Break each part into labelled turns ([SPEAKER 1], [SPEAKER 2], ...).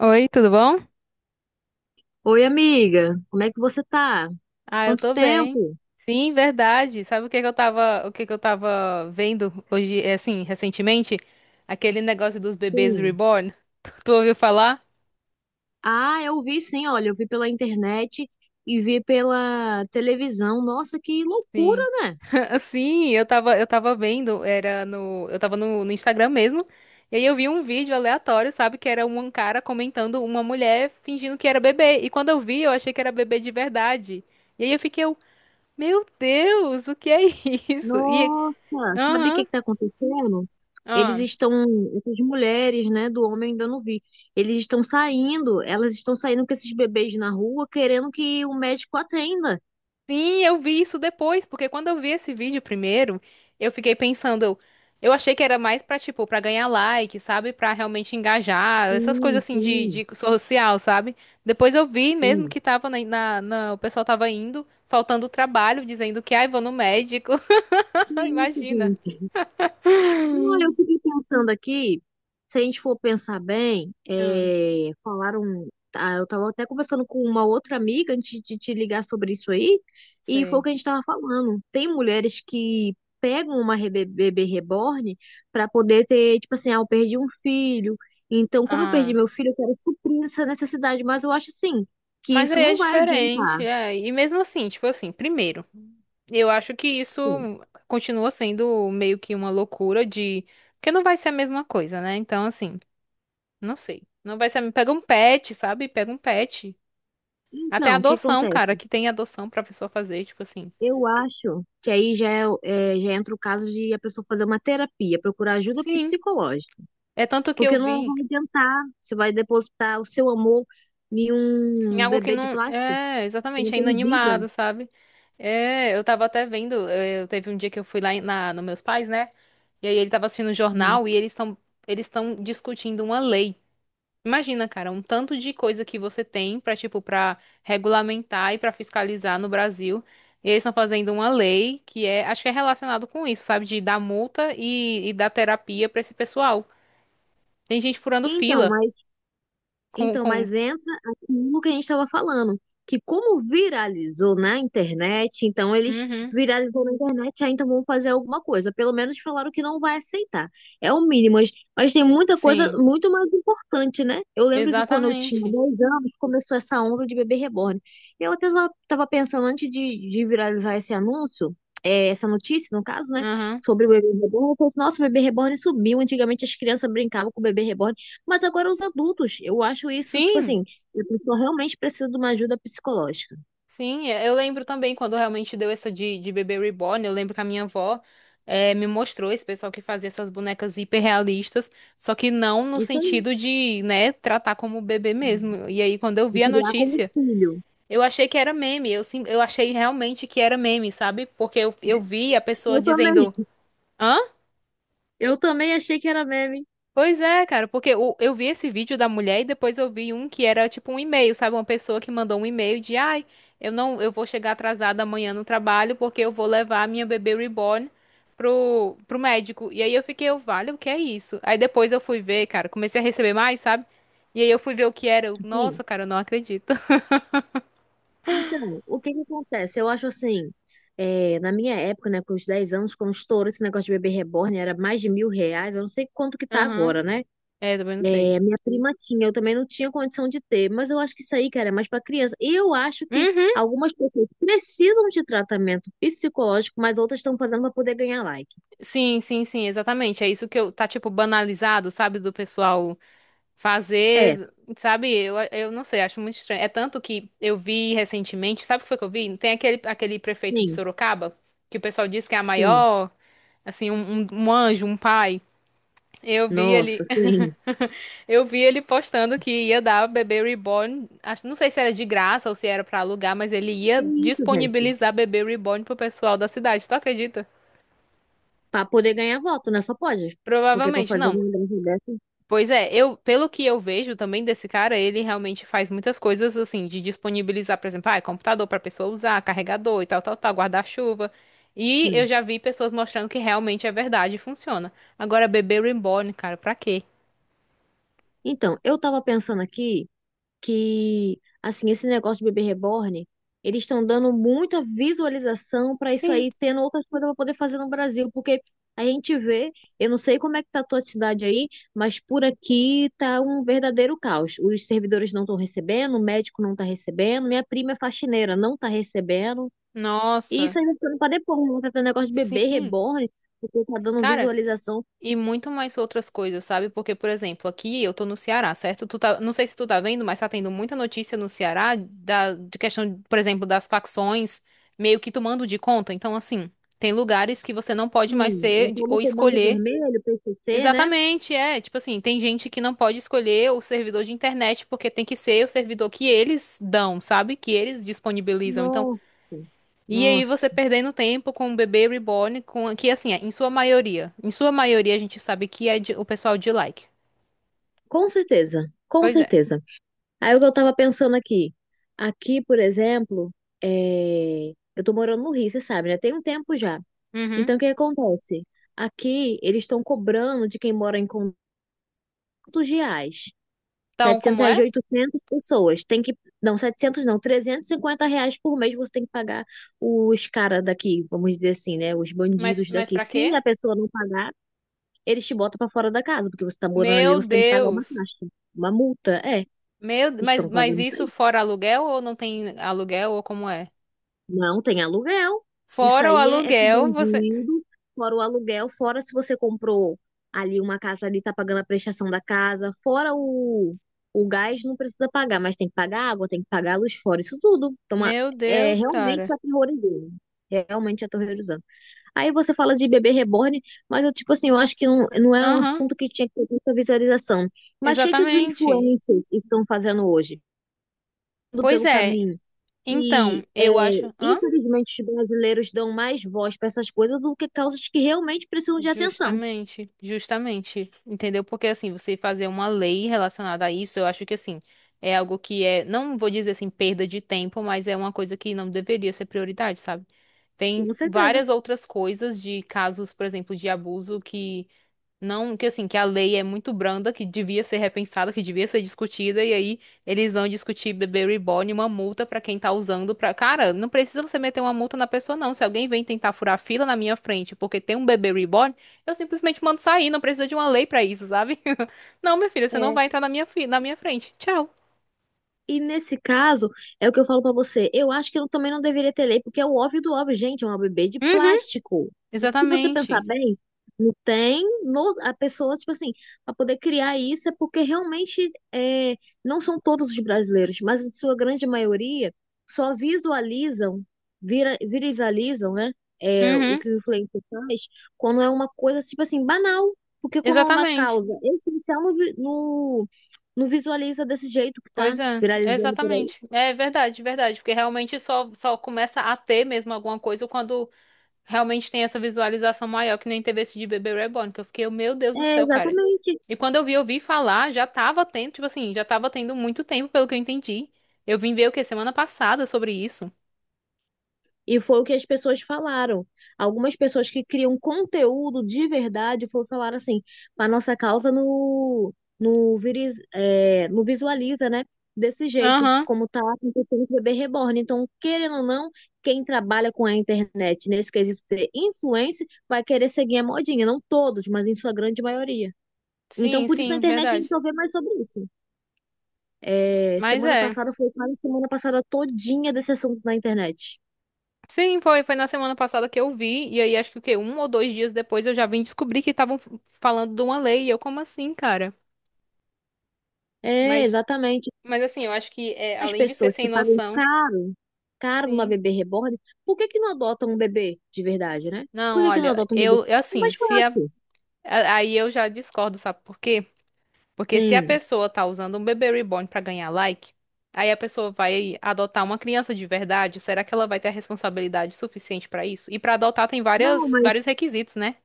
[SPEAKER 1] Oi, tudo bom?
[SPEAKER 2] Oi, amiga, como é que você tá?
[SPEAKER 1] Ah, eu
[SPEAKER 2] Quanto
[SPEAKER 1] tô bem.
[SPEAKER 2] tempo?
[SPEAKER 1] Sim, verdade. Sabe o que que eu tava vendo hoje, assim, recentemente? Aquele negócio dos bebês
[SPEAKER 2] Sim.
[SPEAKER 1] reborn. Tu ouviu falar?
[SPEAKER 2] Ah, eu vi sim, olha, eu vi pela internet e vi pela televisão. Nossa, que loucura,
[SPEAKER 1] Sim.
[SPEAKER 2] né?
[SPEAKER 1] Sim, eu tava vendo, era eu tava no Instagram mesmo. E aí eu vi um vídeo aleatório, sabe, que era um cara comentando uma mulher fingindo que era bebê. E quando eu vi, eu achei que era bebê de verdade. E aí meu Deus, o que é isso? E,
[SPEAKER 2] Nossa, sabe o que
[SPEAKER 1] aham,
[SPEAKER 2] que tá acontecendo? Eles
[SPEAKER 1] aham.
[SPEAKER 2] estão, essas mulheres, né, do homem ainda não vi. Eles estão saindo, elas estão saindo com esses bebês na rua querendo que o médico atenda.
[SPEAKER 1] Sim, eu vi isso depois, porque quando eu vi esse vídeo primeiro, eu fiquei pensando, eu achei que era mais pra, tipo, pra ganhar like, sabe? Pra realmente engajar, essas coisas
[SPEAKER 2] Sim,
[SPEAKER 1] assim
[SPEAKER 2] sim,
[SPEAKER 1] de social, sabe? Depois eu vi mesmo
[SPEAKER 2] sim.
[SPEAKER 1] que tava o pessoal tava indo, faltando trabalho, dizendo que, ai, vou no médico.
[SPEAKER 2] Que isso,
[SPEAKER 1] Imagina.
[SPEAKER 2] gente? Não, eu fiquei pensando aqui, se a gente for pensar bem,
[SPEAKER 1] Não,
[SPEAKER 2] é, falaram, ah, eu estava até conversando com uma outra amiga antes de te ligar sobre isso aí, e foi o
[SPEAKER 1] sei.
[SPEAKER 2] que a gente estava falando. Tem mulheres que pegam uma bebê reborn para poder ter, tipo assim, ah, eu perdi um filho, então como eu
[SPEAKER 1] Ah.
[SPEAKER 2] perdi meu filho, eu quero suprir essa necessidade, mas eu acho assim, que
[SPEAKER 1] Mas
[SPEAKER 2] isso
[SPEAKER 1] aí é
[SPEAKER 2] não vai
[SPEAKER 1] diferente,
[SPEAKER 2] adiantar,
[SPEAKER 1] é. E mesmo assim, tipo assim, primeiro, eu acho que isso
[SPEAKER 2] assim.
[SPEAKER 1] continua sendo meio que uma loucura de. Porque não vai ser a mesma coisa, né? Então, assim, não sei. Não vai ser. Pega um pet, sabe? Pega um pet. Até
[SPEAKER 2] Então, o que
[SPEAKER 1] adoção, cara,
[SPEAKER 2] acontece?
[SPEAKER 1] que tem adoção pra pessoa fazer, tipo assim.
[SPEAKER 2] Eu acho que aí já, já entra o caso de a pessoa fazer uma terapia, procurar ajuda
[SPEAKER 1] Sim.
[SPEAKER 2] psicológica,
[SPEAKER 1] É tanto que eu
[SPEAKER 2] porque não
[SPEAKER 1] vi.
[SPEAKER 2] vai adiantar, você vai depositar o seu amor em
[SPEAKER 1] Em
[SPEAKER 2] um
[SPEAKER 1] algo que
[SPEAKER 2] bebê de
[SPEAKER 1] não.
[SPEAKER 2] plástico
[SPEAKER 1] É,
[SPEAKER 2] que não
[SPEAKER 1] exatamente, é
[SPEAKER 2] tem vida.
[SPEAKER 1] inanimado, sabe? É, eu tava até vendo. Eu, teve um dia que eu fui lá em- na, nos meus pais, né? E aí ele tava assistindo o
[SPEAKER 2] Assim.
[SPEAKER 1] jornal e eles estão discutindo uma lei. Imagina, cara, um tanto de coisa que você tem pra, tipo, pra regulamentar e pra fiscalizar no Brasil. E eles estão fazendo uma lei que é, acho que é relacionado com isso, sabe? De dar multa e dar terapia pra esse pessoal. Tem gente furando
[SPEAKER 2] Então,
[SPEAKER 1] fila
[SPEAKER 2] mas Então,
[SPEAKER 1] com...
[SPEAKER 2] mas entra aquilo que a gente estava falando, que como viralizou na internet, então eles
[SPEAKER 1] Uhum.
[SPEAKER 2] viralizou na internet, ah, então vão fazer alguma coisa. Pelo menos falaram que não vai aceitar. É o mínimo, mas tem muita coisa
[SPEAKER 1] Sim,
[SPEAKER 2] muito mais importante, né? Eu lembro que quando eu tinha
[SPEAKER 1] exatamente.
[SPEAKER 2] 10 anos, começou essa onda de bebê reborn. Eu até estava pensando, antes de viralizar esse anúncio, é, essa notícia, no caso, né,
[SPEAKER 1] Aham.
[SPEAKER 2] sobre o bebê reborn, eu pensei, nossa, o bebê reborn subiu. Antigamente as crianças brincavam com o bebê reborn. Mas agora os adultos, eu acho isso, tipo
[SPEAKER 1] Sim,
[SPEAKER 2] assim, a pessoa realmente precisa de uma ajuda psicológica.
[SPEAKER 1] sim, é, eu lembro também quando realmente deu essa de bebê reborn, eu lembro que a minha avó me mostrou esse pessoal que fazia essas bonecas hiperrealistas, só que não no
[SPEAKER 2] Isso aí,
[SPEAKER 1] sentido de, né, tratar como bebê mesmo. E aí, quando eu
[SPEAKER 2] de
[SPEAKER 1] vi a
[SPEAKER 2] criar como
[SPEAKER 1] notícia,
[SPEAKER 2] filho.
[SPEAKER 1] eu achei que era meme, eu, sim, eu achei realmente que era meme, sabe? Porque eu vi a pessoa
[SPEAKER 2] Eu também,
[SPEAKER 1] dizendo. "Hã?
[SPEAKER 2] eu também achei que era meme.
[SPEAKER 1] Pois é, cara, porque o- eu vi esse vídeo da mulher e depois eu vi um que era tipo um e-mail, sabe? Uma pessoa que mandou um e-mail de, ai, eu não, eu vou chegar atrasada amanhã no trabalho porque eu vou levar a minha bebê reborn pro médico. E aí vale, o que é isso? Aí depois eu fui ver, cara, comecei a receber mais, sabe? E aí eu fui ver o que era. Nossa,
[SPEAKER 2] Sim.
[SPEAKER 1] cara, eu não acredito.
[SPEAKER 2] Então, o que que acontece? Eu acho assim, é, na minha época, né, com os 10 anos, quando estourou esse negócio de bebê reborn, era mais de mil reais, eu não sei quanto que tá
[SPEAKER 1] Aham.
[SPEAKER 2] agora, né?
[SPEAKER 1] É, também não sei.
[SPEAKER 2] É, minha prima tinha, eu também não tinha condição de ter, mas eu acho que isso aí, cara, é mais para criança. E eu acho que
[SPEAKER 1] Uhum.
[SPEAKER 2] algumas pessoas precisam de tratamento psicológico, mas outras estão fazendo para poder ganhar like.
[SPEAKER 1] Sim, sim, sim, exatamente. É isso que eu, tá tipo banalizado, sabe, do pessoal
[SPEAKER 2] É,
[SPEAKER 1] fazer, sabe, eu não sei, acho muito estranho. É tanto que eu vi recentemente, sabe o que foi que eu vi? Tem aquele prefeito de
[SPEAKER 2] sim,
[SPEAKER 1] Sorocaba, que o pessoal diz que é a
[SPEAKER 2] sim.
[SPEAKER 1] maior, assim, um, um anjo, um pai. Eu vi
[SPEAKER 2] Nossa,
[SPEAKER 1] ele,
[SPEAKER 2] sim.
[SPEAKER 1] eu vi ele postando que ia dar bebê reborn, acho, não sei se era de graça ou se era pra alugar, mas ele ia
[SPEAKER 2] Tem isso, gente.
[SPEAKER 1] disponibilizar bebê reborn pro pessoal da cidade, tu acredita?
[SPEAKER 2] Para poder ganhar voto, né? Só pode. Porque para
[SPEAKER 1] Provavelmente
[SPEAKER 2] fazer
[SPEAKER 1] não.
[SPEAKER 2] uma grande dessa,
[SPEAKER 1] Pois é, eu, pelo que eu vejo também desse cara, ele realmente faz muitas coisas assim, de disponibilizar, por exemplo, ah, é computador para pessoa usar, carregador e tal, tal, tal, guarda-chuva. E eu
[SPEAKER 2] sim.
[SPEAKER 1] já vi pessoas mostrando que realmente é verdade e funciona. Agora, bebê reborn, cara, pra quê?
[SPEAKER 2] Então, eu tava pensando aqui. Que, assim, esse negócio de bebê reborn, eles estão dando muita visualização para isso
[SPEAKER 1] Sim.
[SPEAKER 2] aí, tendo outras coisas para poder fazer no Brasil, porque a gente vê, eu não sei como é que tá a tua cidade aí, mas por aqui tá um verdadeiro caos. Os servidores não estão recebendo, o médico não tá recebendo, minha prima é faxineira, não tá recebendo. E
[SPEAKER 1] Nossa,
[SPEAKER 2] isso aí vai ficando para depois, né? Tá tendo negócio de bebê
[SPEAKER 1] sim.
[SPEAKER 2] reborn, porque tá dando
[SPEAKER 1] Cara,
[SPEAKER 2] visualização,
[SPEAKER 1] e muito mais outras coisas, sabe? Porque, por exemplo, aqui eu tô no Ceará, certo? Tu tá, não sei se tu tá vendo, mas tá tendo muita notícia no Ceará de questão, por exemplo, das facções meio que tomando de conta. Então, assim, tem lugares que você não pode mais
[SPEAKER 2] sim,
[SPEAKER 1] ter
[SPEAKER 2] eu
[SPEAKER 1] de-
[SPEAKER 2] tô no
[SPEAKER 1] ou
[SPEAKER 2] comando
[SPEAKER 1] escolher.
[SPEAKER 2] vermelho, PCC, né?
[SPEAKER 1] Exatamente, é. Tipo assim, tem gente que não pode escolher o servidor de internet porque tem que ser o servidor que eles dão, sabe? Que eles disponibilizam. Então,
[SPEAKER 2] Nossa,
[SPEAKER 1] e aí você
[SPEAKER 2] nossa.
[SPEAKER 1] perdendo tempo com o bebê reborn, com que assim, é, em sua maioria a gente sabe que é de- o pessoal de like.
[SPEAKER 2] Com certeza, com
[SPEAKER 1] Pois é.
[SPEAKER 2] certeza. Aí o que eu tava pensando aqui, por exemplo, é, eu tô morando no Rio, você sabe, né? Tem um tempo já.
[SPEAKER 1] Uhum.
[SPEAKER 2] Então, o que acontece? Aqui, eles estão cobrando de quem mora em conjuntos reais,
[SPEAKER 1] Então,
[SPEAKER 2] 700
[SPEAKER 1] como
[SPEAKER 2] reais
[SPEAKER 1] é?
[SPEAKER 2] de 800 pessoas. Tem que, não, 700 não, R$ 350 por mês você tem que pagar os caras daqui, vamos dizer assim, né? Os bandidos
[SPEAKER 1] Mas
[SPEAKER 2] daqui.
[SPEAKER 1] para
[SPEAKER 2] Se
[SPEAKER 1] quê?
[SPEAKER 2] a pessoa não pagar, eles te botam pra fora da casa, porque você tá morando ali,
[SPEAKER 1] Meu
[SPEAKER 2] você tem que pagar uma
[SPEAKER 1] Deus.
[SPEAKER 2] taxa, uma multa, é,
[SPEAKER 1] Meu,
[SPEAKER 2] estão
[SPEAKER 1] mas
[SPEAKER 2] fazendo isso
[SPEAKER 1] isso
[SPEAKER 2] aí.
[SPEAKER 1] fora aluguel ou não tem aluguel ou como é?
[SPEAKER 2] Não tem aluguel. Isso
[SPEAKER 1] Fora o
[SPEAKER 2] aí é pro
[SPEAKER 1] aluguel, você.
[SPEAKER 2] bandido, fora o aluguel, fora se você comprou ali uma casa ali, tá pagando a prestação da casa, fora o gás, não precisa pagar, mas tem que pagar água, tem que pagar a luz, fora isso tudo. Então,
[SPEAKER 1] Meu
[SPEAKER 2] é
[SPEAKER 1] Deus,
[SPEAKER 2] realmente
[SPEAKER 1] cara.
[SPEAKER 2] aterrorizando. Realmente aterrorizando. Aí você fala de bebê reborn, mas eu, tipo assim, eu acho que não era um
[SPEAKER 1] Aham,
[SPEAKER 2] assunto que tinha que ter muita visualização. Mas o que que os
[SPEAKER 1] exatamente.
[SPEAKER 2] influencers estão fazendo hoje? Indo
[SPEAKER 1] Pois
[SPEAKER 2] pelo
[SPEAKER 1] é.
[SPEAKER 2] caminho e
[SPEAKER 1] Então,
[SPEAKER 2] é,
[SPEAKER 1] eu acho. Hã?
[SPEAKER 2] infelizmente, os brasileiros dão mais voz para essas coisas do que causas que realmente precisam de atenção.
[SPEAKER 1] Justamente, justamente, entendeu? Porque assim, você fazer uma lei relacionada a isso, eu acho que assim, é algo que é, não vou dizer assim, perda de tempo, mas é uma coisa que não deveria ser prioridade, sabe? Tem
[SPEAKER 2] Com certeza.
[SPEAKER 1] várias outras coisas de casos, por exemplo, de abuso que não, que assim, que a lei é muito branda, que devia ser repensada, que devia ser discutida, e aí eles vão discutir bebê reborn, uma multa pra quem tá usando pra. Cara, não precisa você meter uma multa na pessoa, não. Se alguém vem tentar furar fila na minha frente porque tem um bebê reborn, eu simplesmente mando sair, não precisa de uma lei pra isso, sabe? Não, minha filha, você não
[SPEAKER 2] é
[SPEAKER 1] vai entrar na minha, fi... na minha frente. Tchau.
[SPEAKER 2] E nesse caso, é o que eu falo pra você. Eu acho que eu também não deveria ter lei, porque é o óbvio do óbvio, gente, é uma bebê de
[SPEAKER 1] Uhum,
[SPEAKER 2] plástico. Se você pensar
[SPEAKER 1] exatamente.
[SPEAKER 2] bem, não tem no, a pessoa, tipo assim, para poder criar isso é porque realmente é, não são todos os brasileiros, mas a sua grande maioria só visualizam, viralizam, né? É, o
[SPEAKER 1] Uhum,
[SPEAKER 2] que o influencer faz quando é uma coisa, tipo assim, banal. Porque quando é uma
[SPEAKER 1] exatamente.
[SPEAKER 2] causa essencial no, não visualiza desse jeito que tá
[SPEAKER 1] Pois é,
[SPEAKER 2] viralizando por aí.
[SPEAKER 1] exatamente. É verdade, verdade, porque realmente só, só começa a ter mesmo alguma coisa quando. Realmente tem essa visualização maior que nem teve esse de Bebê Reborn, que eu fiquei, meu Deus do
[SPEAKER 2] É,
[SPEAKER 1] céu, cara.
[SPEAKER 2] exatamente.
[SPEAKER 1] E quando eu vi falar, já tava tendo, tipo assim, já tava tendo muito tempo, pelo que eu entendi. Eu vim ver o quê? Semana passada sobre isso.
[SPEAKER 2] E foi o que as pessoas falaram. Algumas pessoas que criam conteúdo de verdade foram falar assim, a nossa causa no, no visualiza, né? Desse jeito,
[SPEAKER 1] Aham.
[SPEAKER 2] como tá acontecendo com o bebê reborn. Então, querendo ou não, quem trabalha com a internet nesse quesito ser influencer vai querer seguir a modinha. Não todos, mas em sua grande maioria. Então,
[SPEAKER 1] Sim,
[SPEAKER 2] por isso na
[SPEAKER 1] sim,
[SPEAKER 2] internet tem que
[SPEAKER 1] verdade.
[SPEAKER 2] saber mais sobre isso. É,
[SPEAKER 1] Mas
[SPEAKER 2] semana
[SPEAKER 1] é.
[SPEAKER 2] passada foi quase semana passada todinha desse assunto na internet.
[SPEAKER 1] Sim, foi, foi na semana passada que eu vi, e aí acho que o quê? Um ou dois dias depois eu já vim descobrir que estavam falando de uma lei, e eu, como assim, cara?
[SPEAKER 2] É,
[SPEAKER 1] Mas,
[SPEAKER 2] exatamente.
[SPEAKER 1] mas assim, eu acho que é,
[SPEAKER 2] As
[SPEAKER 1] além de ser
[SPEAKER 2] pessoas
[SPEAKER 1] sem
[SPEAKER 2] que pagam
[SPEAKER 1] noção,
[SPEAKER 2] caro, caro numa
[SPEAKER 1] sim.
[SPEAKER 2] bebê reborn, por que que não adotam um bebê de verdade, né?
[SPEAKER 1] Não,
[SPEAKER 2] Por que que não
[SPEAKER 1] olha,
[SPEAKER 2] adotam um bebê?
[SPEAKER 1] eu
[SPEAKER 2] É
[SPEAKER 1] assim,
[SPEAKER 2] mais
[SPEAKER 1] se a
[SPEAKER 2] fácil.
[SPEAKER 1] a- aí eu já discordo, sabe por quê? Porque se a
[SPEAKER 2] Sim.
[SPEAKER 1] pessoa tá usando um bebê reborn pra ganhar like, aí a pessoa vai adotar uma criança de verdade, será que ela vai ter a responsabilidade suficiente pra isso? E pra adotar tem
[SPEAKER 2] Não,
[SPEAKER 1] várias, vários
[SPEAKER 2] mas
[SPEAKER 1] requisitos, né?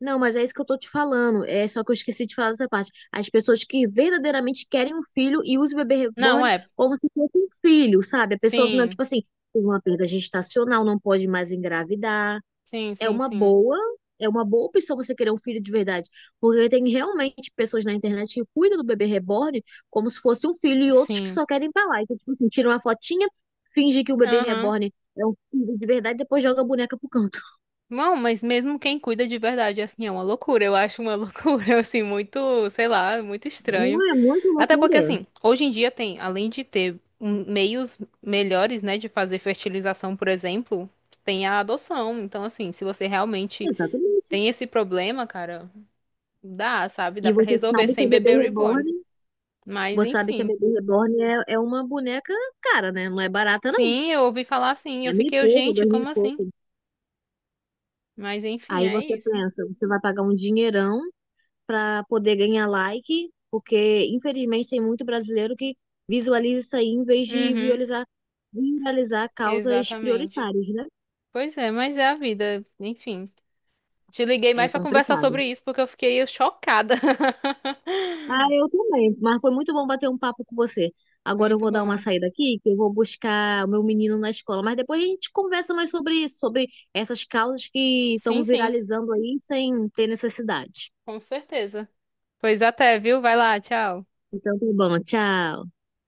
[SPEAKER 2] é isso que eu tô te falando. É só que eu esqueci de falar dessa parte. As pessoas que verdadeiramente querem um filho e usam o bebê
[SPEAKER 1] Não
[SPEAKER 2] reborn
[SPEAKER 1] é.
[SPEAKER 2] como se fosse um filho, sabe? A pessoa que não,
[SPEAKER 1] Sim,
[SPEAKER 2] tipo assim, teve uma perda gestacional, não pode mais engravidar
[SPEAKER 1] sim,
[SPEAKER 2] é
[SPEAKER 1] sim,
[SPEAKER 2] uma
[SPEAKER 1] sim.
[SPEAKER 2] boa, é uma boa opção você querer um filho de verdade, porque tem realmente pessoas na internet que cuidam do bebê reborn como se fosse um filho e outros que
[SPEAKER 1] Sim.
[SPEAKER 2] só querem pra lá. Então, tipo assim, tira uma fotinha, finge que o bebê
[SPEAKER 1] Aham.
[SPEAKER 2] reborn é um filho de verdade, depois joga a boneca pro canto.
[SPEAKER 1] Não, mas mesmo quem cuida de verdade, assim, é uma loucura. Eu acho uma loucura, assim, muito, sei lá, muito estranho.
[SPEAKER 2] Não é muito
[SPEAKER 1] Até porque,
[SPEAKER 2] loucura.
[SPEAKER 1] assim, hoje em dia tem, além de ter meios melhores, né, de fazer fertilização, por exemplo, tem a adoção. Então, assim, se você realmente
[SPEAKER 2] Exatamente.
[SPEAKER 1] tem esse problema, cara, dá, sabe? Dá
[SPEAKER 2] E
[SPEAKER 1] pra resolver sem bebê reborn. Mas,
[SPEAKER 2] você sabe que a
[SPEAKER 1] enfim.
[SPEAKER 2] bebê reborn é uma boneca cara, né? Não é barata não.
[SPEAKER 1] Sim, eu ouvi falar assim, eu
[SPEAKER 2] É mil e
[SPEAKER 1] fiquei, eu,
[SPEAKER 2] pouco,
[SPEAKER 1] gente,
[SPEAKER 2] dois mil e
[SPEAKER 1] como assim?
[SPEAKER 2] pouco.
[SPEAKER 1] Mas, enfim,
[SPEAKER 2] Aí
[SPEAKER 1] é
[SPEAKER 2] você
[SPEAKER 1] isso.
[SPEAKER 2] pensa, você vai pagar um dinheirão para poder ganhar like, porque infelizmente tem muito brasileiro que visualiza isso aí em vez de
[SPEAKER 1] Uhum,
[SPEAKER 2] visualizar, viralizar causas
[SPEAKER 1] exatamente.
[SPEAKER 2] prioritárias, né?
[SPEAKER 1] Pois é, mas é a vida, enfim. Te liguei
[SPEAKER 2] É
[SPEAKER 1] mais pra conversar
[SPEAKER 2] complicado.
[SPEAKER 1] sobre isso porque eu fiquei chocada.
[SPEAKER 2] Ah, eu também, mas foi muito bom bater um papo com você. Agora eu
[SPEAKER 1] Muito
[SPEAKER 2] vou dar uma
[SPEAKER 1] bom.
[SPEAKER 2] saída aqui, que eu vou buscar o meu menino na escola, mas depois a gente conversa mais sobre isso, sobre essas causas que
[SPEAKER 1] Sim,
[SPEAKER 2] estão
[SPEAKER 1] sim.
[SPEAKER 2] viralizando aí sem ter necessidade.
[SPEAKER 1] Com certeza. Pois até, viu? Vai lá, tchau.
[SPEAKER 2] Então tá bom, tchau.